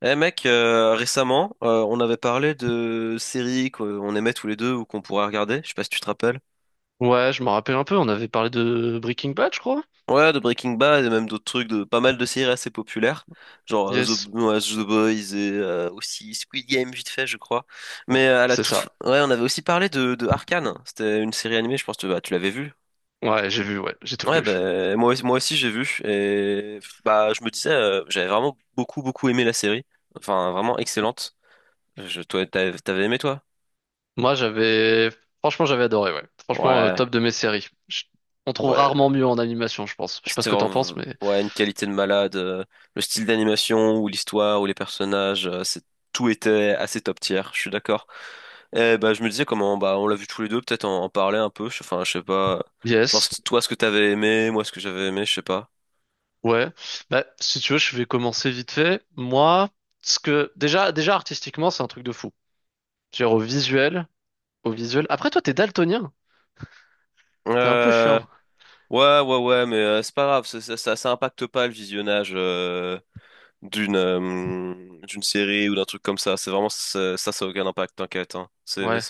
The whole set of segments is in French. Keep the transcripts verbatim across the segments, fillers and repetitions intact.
Eh mec, euh, récemment, euh, on avait parlé de séries qu'on aimait tous les deux ou qu'on pourrait regarder, je sais pas si tu te rappelles. Ouais, je me rappelle un peu, on avait parlé de Breaking Bad, je crois. Ouais, de Breaking Bad et même d'autres trucs, de pas mal de séries assez populaires, genre euh, The, Yes. ouais, The Boys et euh, aussi Squid Game vite fait, je crois. Bon, Mais euh, à la c'est toute, fin- ça. ouais, on avait aussi parlé de, de Arcane. C'était une série animée, je pense que bah, tu l'avais vue. Ouais, j'ai vu, ouais, j'ai tout Ouais, vu. bah, moi, aussi- moi aussi j'ai vu et bah je me disais, euh, j'avais vraiment beaucoup beaucoup aimé la série, enfin vraiment excellente. Je, toi, t'avais t'avais aimé toi? Moi, j'avais... Franchement, j'avais adoré, ouais. Franchement, euh, Ouais. top de mes séries. Je- On trouve Ouais, rarement mieux en animation, je pense. Je sais pas ce c'était que t'en penses, vraiment, mais... ouais, une qualité de malade. euh, Le style d'animation ou l'histoire ou les personnages, euh, c'est, tout était assez top tier, je suis d'accord. Et bah, je me disais comment, bah, on l'a vu tous les deux, peut-être en, en parler un peu. je- Enfin, je sais pas. Genre, Yes. c'est toi, ce que t'avais aimé, moi, ce que j'avais aimé, je sais pas. Ouais. Bah, si tu veux, je vais commencer vite fait. Moi, ce que... Déjà, déjà artistiquement, c'est un truc de fou. Genre au visuel, au visuel... Après, toi, t'es daltonien. T'es un peu Euh, chiant. ouais, ouais, ouais, mais euh, c'est pas grave, ça, ça, ça, ça impacte pas le visionnage euh, d'une euh, d'une série ou d'un truc comme ça. C'est vraiment ça. Ça, ça a aucun impact, t'inquiète, hein. C'est, Ouais.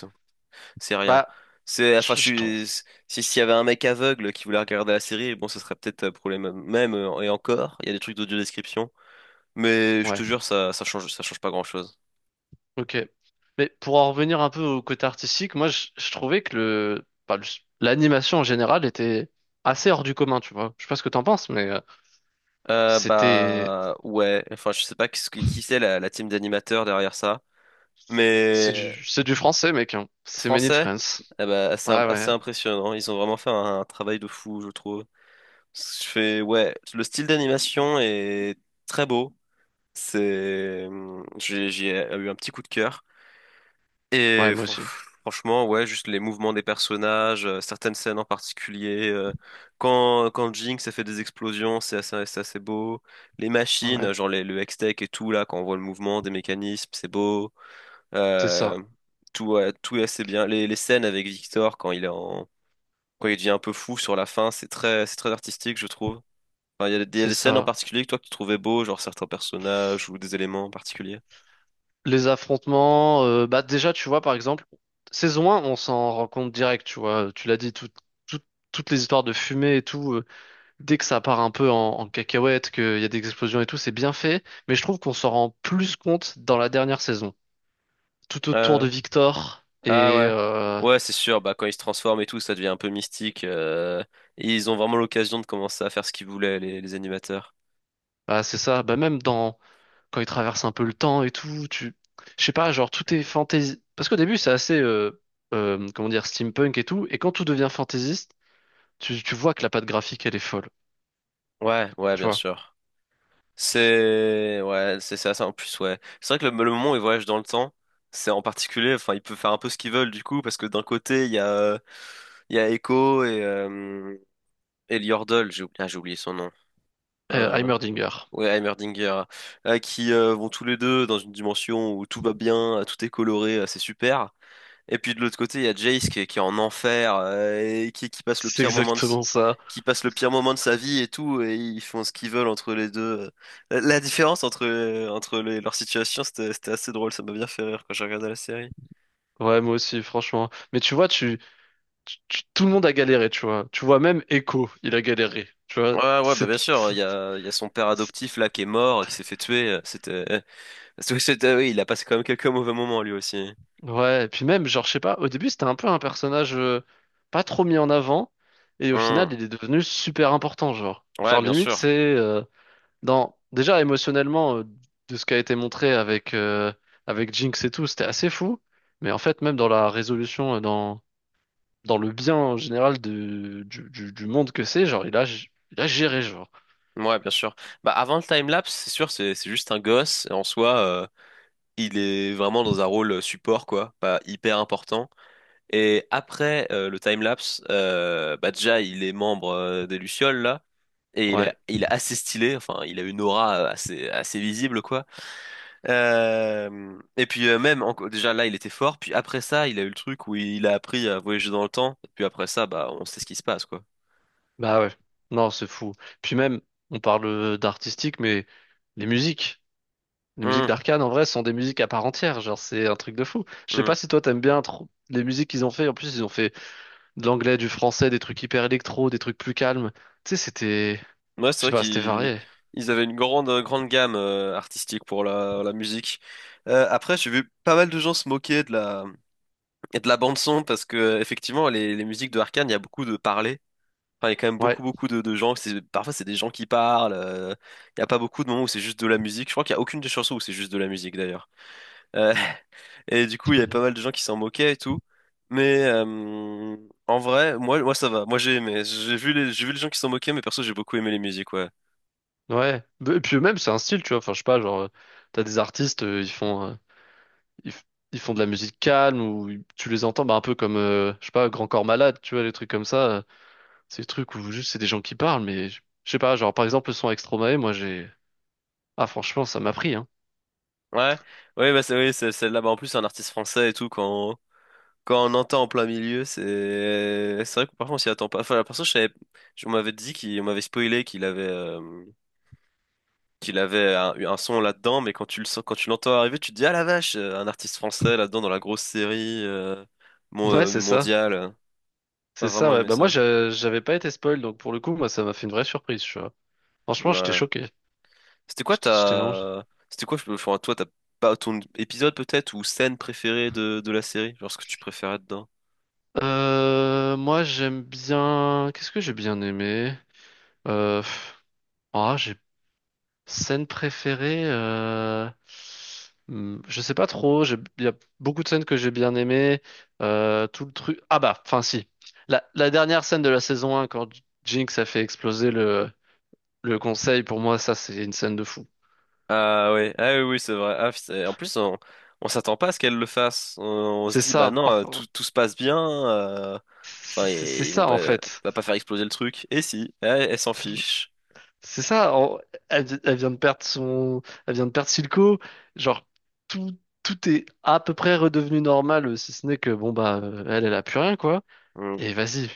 C'est rien. Bah, C'est, enfin, je je je trouve... suis, si, s'il y avait un mec aveugle qui voulait regarder la série, bon, ce serait peut-être un problème même, euh, et encore, il y a des trucs d'audio-description. Mais je te Ouais. jure, ça, ça change, ça change pas grand-chose. Ok. Mais pour en revenir un peu au côté artistique, moi je, je trouvais que le, bah, le- l'animation en général était assez hors du commun, tu vois. Je sais pas ce que t'en penses, mais euh, Euh, c'était bah, ouais, enfin, je sais pas qu'est-ce qui, qui c'est la, la team d'animateurs derrière ça. c'est Mais, du c'est du français, mec. Hein. C'est made in français, France. eh ben, assez, im- Ouais, assez ouais, impressionnant. Ils ont vraiment fait un, un travail de fou, je trouve. Je fais, ouais, le style d'animation est très beau. C'est, hum, j'ai j'ai euh, eu un petit coup de cœur. ouais, Et moi fran- aussi. franchement, ouais, juste les mouvements des personnages, euh, certaines scènes en particulier. euh, quand, quand Jinx, ça fait des explosions, c'est assez, c'est assez beau. Les machines, Ouais, euh, genre les- le Hextech et tout, là, quand on voit le mouvement des mécanismes, c'est beau. c'est ça, Euh, tout, ouais, tout est assez bien. Les, les scènes avec Victor, quand il est en, quand il devient un peu fou sur la fin, c'est très, c'est très artistique, je trouve. Enfin, il y a, des il y a c'est des scènes en ça. particulier que toi, que tu trouvais beau, genre certains personnages ou des éléments particuliers. Les affrontements, euh, bah déjà tu vois par exemple saison un, on s'en rend compte direct, tu vois. Tu l'as dit, tout- tout- toutes les histoires de fumée et tout. Dès que ça part un peu en, en cacahuète, qu'il y a des explosions et tout, c'est bien fait, mais je trouve qu'on s'en rend plus compte dans la dernière saison. Tout autour de euh, Victor, ah et ouais. euh, Ouais, c'est sûr, bah quand ils se transforment et tout, ça devient un peu mystique. Euh, et ils ont vraiment l'occasion de commencer à faire ce qu'ils voulaient, les, les animateurs. bah, c'est ça, bah, même dans quand il traverse un peu le temps et tout, tu... Je sais pas, genre tout est fantasy. Parce qu'au début, c'est assez, euh, euh, comment dire, steampunk et tout, et quand tout devient fantaisiste, tu, tu vois que la patte graphique, elle est folle, Ouais, ouais, tu bien vois. sûr. C'est ouais, c'est ça, ça en plus, ouais. C'est vrai que le, le moment où ils voyagent dans le temps, c'est en particulier, enfin, ils peuvent faire un peu ce qu'ils veulent du coup, parce que d'un côté, il y a euh, il y a Echo et euh, et Yordle, j'ai oublié, ah, j'ai oublié son nom. Euh, Euh, Heimerdinger. Ouais, Heimerdinger, euh, qui euh, vont tous les deux dans une dimension où tout va bien, euh, tout est coloré, euh, c'est super. Et puis de l'autre côté, il y a Jace qui est, qui est en enfer, euh, et qui, qui passe le C'est pire moment de, s- exactement ça. qui passe le pire moment de sa vie et tout, et ils font ce qu'ils veulent entre les deux. La, la différence entre, euh, entre les- leurs situations, c'était, c'était assez drôle, ça m'a bien fait rire quand j'ai regardé la série. Ouais, moi aussi, franchement. Mais tu vois, tu, tu- tu- tout le monde a galéré, tu vois. Tu vois, même Echo, il a galéré, tu vois. Ouais, ouais, bah C'est, bien sûr, c'est- il y a, il y a son père c'est- adoptif là qui est mort, qui s'est fait tuer. C'était, c'était, oui, il a passé quand même quelques mauvais moments lui aussi. ouais, et puis même, genre, je sais pas, au début, c'était un peu un personnage euh, pas trop mis en avant, et au Hmm. final, il est devenu super important, genre. Ouais, Genre, bien limite, c'est sûr. euh, dans, déjà émotionnellement, euh, de ce qui a été montré avec, euh, avec Jinx et tout, c'était assez fou, mais en fait, même dans la résolution, euh, dans, dans le bien en général de, du, du, du monde que c'est, genre, il a, il a géré, genre. Ouais, bien sûr. Bah, avant le timelapse, c'est sûr, c'est c'est juste un gosse. Et en soi, euh, il est vraiment dans un rôle euh, support, quoi, pas hyper important. Et après euh, le timelapse, euh, bah, déjà, il est membre euh, des Lucioles, là. Et il est, Ouais. il est assez stylé, enfin, il a une aura euh, assez, assez visible, quoi. Euh, et puis, euh, même, enco- déjà là, il était fort. Puis après ça, il a eu le truc où il a appris à voyager dans le temps. Et puis après ça, bah, on sait ce qui se passe, quoi. Bah ouais, non, c'est fou. Puis même, on parle euh, d'artistique, mais les musiques, les musiques Hum, d'Arcane en vrai sont des musiques à part entière, genre c'est un truc de fou. Je sais pas hum. si toi t'aimes bien trop les musiques qu'ils ont fait, en plus ils ont fait de l'anglais, du français, des trucs hyper électro, des trucs plus calmes. Tu sais, c'était, Ouais, je c'est sais vrai pas, c'était qu'ils varié. ils avaient une grande, euh, grande gamme euh, artistique pour la, la musique. Euh, après, j'ai vu pas mal de gens se moquer de la, de la bande son parce que euh, effectivement, les, les musiques de Arcane, il y a beaucoup de parler. Enfin, il y a quand même Ouais. beaucoup, beaucoup de, de gens. c'est- Parfois, c'est des gens qui parlent. Euh, il n'y a pas beaucoup de moments où c'est juste de la musique. Je crois qu'il n'y a aucune des chansons où c'est juste de la musique d'ailleurs. Euh, et du coup, il y avait pas mal de gens qui s'en moquaient et tout. Mais euh, en vrai, moi, moi ça va. Moi j'ai aimé. J'ai vu les, j'ai vu les gens qui s'en moquaient, mais perso j'ai beaucoup aimé les musiques, ouais. Ouais. Et puis même c'est un style, tu vois, enfin je sais pas, genre euh, t'as des artistes, euh, ils font euh, ils, f- ils font de la musique calme ou ils- tu les entends bah, un peu comme euh, je sais pas, Grand Corps Malade, tu vois, des trucs comme ça. Ces trucs où juste c'est des gens qui parlent, mais je je sais pas, genre par exemple le son avec Stromae, moi j'ai... Ah franchement, ça m'a pris, hein. Ouais, ouais, bah c'est oui, c'est celle-là. Bah, en plus, c'est un artiste français et tout. Quand quand on entend en plein milieu, c'est c'est vrai que parfois on s'y attend pas. Enfin, la personne, je savais, je- on m'avait dit qu'il, on m'avait spoilé qu'il avait euh, qu'il avait un, un son là-dedans, mais quand tu le sens, quand tu l'entends arriver, tu te dis ah la vache, euh, un artiste français là-dedans dans la grosse série euh, mon- Ouais, euh, c'est ça. mondiale. Pas C'est ça, vraiment ouais. aimé Bah moi ça. je- j'avais pas été spoil, donc pour le coup, moi ça m'a fait une vraie surprise, tu vois. Franchement, j'étais Ouais. choqué. C'était quoi J'étais j'étais vraiment... ta, c'était quoi, je- enfin, toi, t'as pas ton épisode peut-être ou scène préférée de de la série, genre ce que tu préférais dedans? Euh, moi j'aime bien... Qu'est-ce que j'ai bien aimé? Euh... pff, Ah, j'ai Scène préférée, euh... hmm, je sais pas trop. j'ai- Il y a beaucoup de scènes que j'ai bien aimées. Euh, tout le truc. Ah bah, enfin si. La, la dernière scène de la saison un, quand J- Jinx a fait exploser le, le conseil, pour moi, ça, c'est une scène de fou. Ah oui, ah oui, oui, c'est vrai. Ah, c'est- en plus, on, on s'attend pas à ce qu'elle le fasse. On, on se C'est dit, bah ça, non, euh, enfin. tout, tout se passe bien. euh, C'est Enfin, ils c'est- c'est ils vont ça, en pas, fait. va pas faire exploser le truc. Et si, elle, elle s'en fiche. C'est ça. en- Elle, vi- elle vient de perdre son. Elle vient de perdre Silco. Genre, tout, tout est à peu près redevenu normal, si ce n'est que, bon, bah, elle, elle a plus rien, quoi. Hmm. Et vas-y.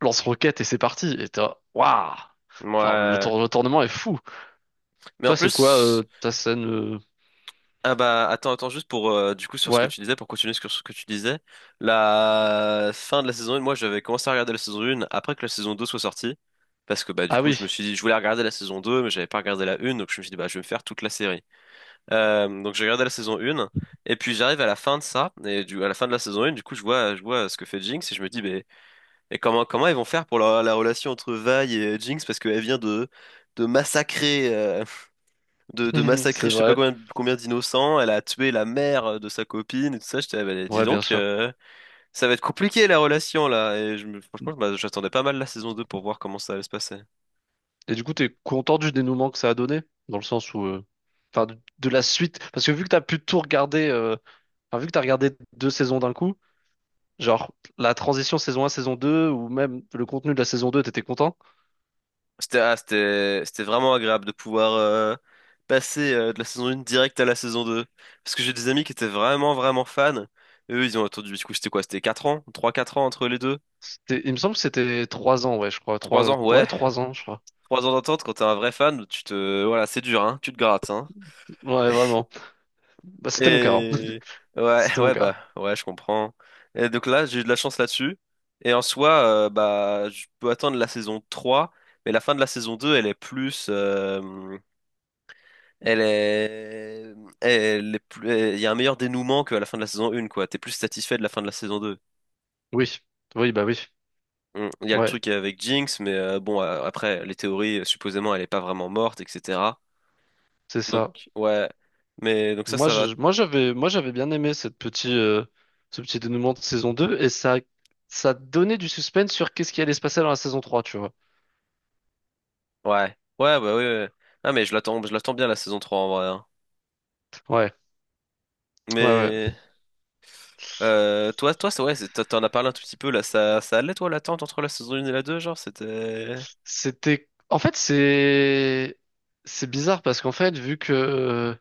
Lance-roquette et c'est parti. Et t'es, là, waouh! Genre, le, Ouais. tour- le tournement est fou. Mais en Toi, c'est quoi euh, plus, ta scène euh, ah bah attends, attends juste pour euh, du coup sur ce que Ouais. tu disais, pour continuer sur ce que tu disais, la fin de la saison un, moi j'avais commencé à regarder la saison un après que la saison deux soit sortie, parce que bah du Ah coup oui, je me suis dit, je voulais regarder la saison deux mais j'avais pas regardé la une, donc je me suis dit bah je vais me faire toute la série. Euh, donc j'ai regardé la saison un et puis j'arrive à la fin de ça et du, à la fin de la saison un du coup je vois je vois ce que fait Jinx et je me dis mais, mais comment comment ils vont faire pour la, la relation entre Vi et Jinx parce qu'elle vient de de massacrer euh, de, de c'est massacrer je sais pas vrai. combien combien d'innocents, elle a tué la mère de sa copine et tout ça, je dis Ouais, bien donc sûr. euh, ça va être compliqué la relation là. Et je, me- franchement, bah, j'attendais pas mal la saison deux pour voir comment ça allait se passer. Et du coup, t'es content du dénouement que ça a donné? Dans le sens où... euh, Enfin, de, de la suite. Parce que vu que t'as pu tout regarder... euh, Enfin, vu que t'as regardé deux saisons d'un coup, genre, la transition saison un saison deux ou même le contenu de la saison deux t'étais content? C'était ah, c'était c'était vraiment agréable de pouvoir euh, passer euh, de la saison un direct à la saison deux. Parce que j'ai des amis qui étaient vraiment vraiment fans. Et eux, ils ont attendu, du coup, c'était quoi? C'était quatre ans? Trois quatre ans entre les deux? C'était- Il me semble que c'était trois ans, ouais, je crois. trois Trois... ans? Ouais. Ouais, trois ans, je crois. Trois ans d'attente, quand t'es un vrai fan, tu te... Voilà, c'est dur, hein. Tu te grattes, hein. Ouais, vraiment. Bah, c'était mon cas. Hein. Et... ouais, C'était mon ouais, cas. bah, ouais, je comprends. Et donc là, j'ai eu de la chance là-dessus. Et en soi, euh, bah, je peux attendre la saison trois, mais la fin de la saison deux elle est plus... euh, elle est... Elle est plus... Il y a un meilleur dénouement qu'à la fin de la saison un, quoi. T'es plus satisfait de la fin de la saison deux. Oui, oui, bah oui, Mm. Il y a le ouais, truc avec Jinx, mais euh, bon, euh, après, les théories, euh, supposément, elle est pas vraiment morte, et cætera. c'est Donc, ça. ouais. Mais donc ça, Moi, ça va. je, moi, j'avais, moi, j'avais bien aimé cette petite, euh, ce petit dénouement de saison deux et ça, ça donnait du suspense sur qu'est-ce qui allait se passer dans la saison trois, tu vois. Ouais. Ouais, bah oui, ouais. Ah, mais je l'attends, je l'attends bien la saison trois en vrai, hein. Ouais, ouais, ouais. Mais euh, toi, toi, ça, ouais, c'est- t'en t'en as parlé un tout petit peu là. Ça, ça allait toi l'attente entre la saison un et la deux genre, c'était. C'était, en fait, c'est, c'est bizarre parce qu'en fait, vu que euh,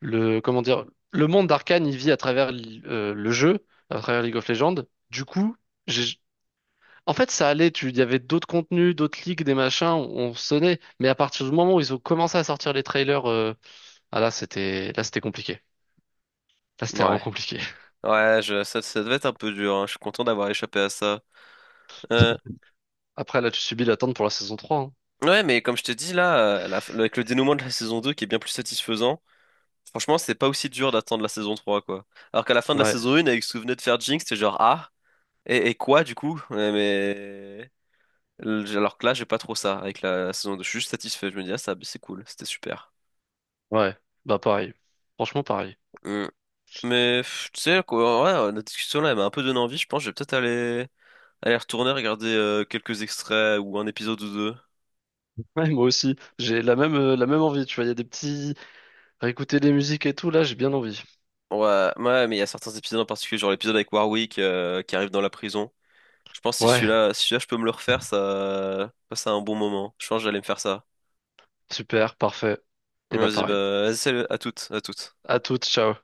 le, comment dire, le monde d'Arcane, il vit à travers l- euh, le jeu, à travers League of Legends, du coup, j'ai. En fait, ça allait, tu, il y avait d'autres contenus, d'autres leaks, des machins, on, on sonnait, mais à partir du moment où ils ont commencé à sortir les trailers, euh, ah là, c'était, là, c'était compliqué. Là, c'était vraiment Ouais. compliqué. Ouais, je, ça, ça devait être un peu dur, hein. Je suis content d'avoir échappé à ça. Euh, Après, là, tu subis l'attente pour la saison trois. Hein. ouais, mais comme je te dis là, euh, la- avec le dénouement de la saison deux qui est bien plus satisfaisant, franchement, c'est pas aussi dur d'attendre la saison trois quoi. Alors qu'à la fin de la Ouais, saison un, avec ce que vous venez de faire Jinx, c'était genre, ah, et, et quoi du coup? Ouais, mais. L- Alors que là, j'ai pas trop ça avec la, la saison deux. Je suis juste satisfait. Je me dis, ah, ça, c'est cool, c'était super. ouais, bah pareil. Franchement, pareil. Mm. Mais pff, tu sais, quoi, ouais, euh, notre discussion là, elle m'a un peu donné envie. Je pense que je vais peut-être aller, aller retourner regarder euh, quelques extraits ou un épisode ou deux. Ouais, moi aussi. J'ai la même, euh, la même envie, tu vois, il y a des petits, réécouter des musiques et tout, là, j'ai bien envie. Ouais, ouais, mais il y a certains épisodes en particulier, genre l'épisode avec Warwick euh, qui arrive dans la prison. Je pense que si Ouais, celui-là, si celui-là, je peux me le refaire, ça passe un bon moment. Je pense que j'allais me faire ça. super, parfait. Et bah Vas-y, pareil. bah, vas-y, salut, à toutes, à toutes. À toutes, ciao.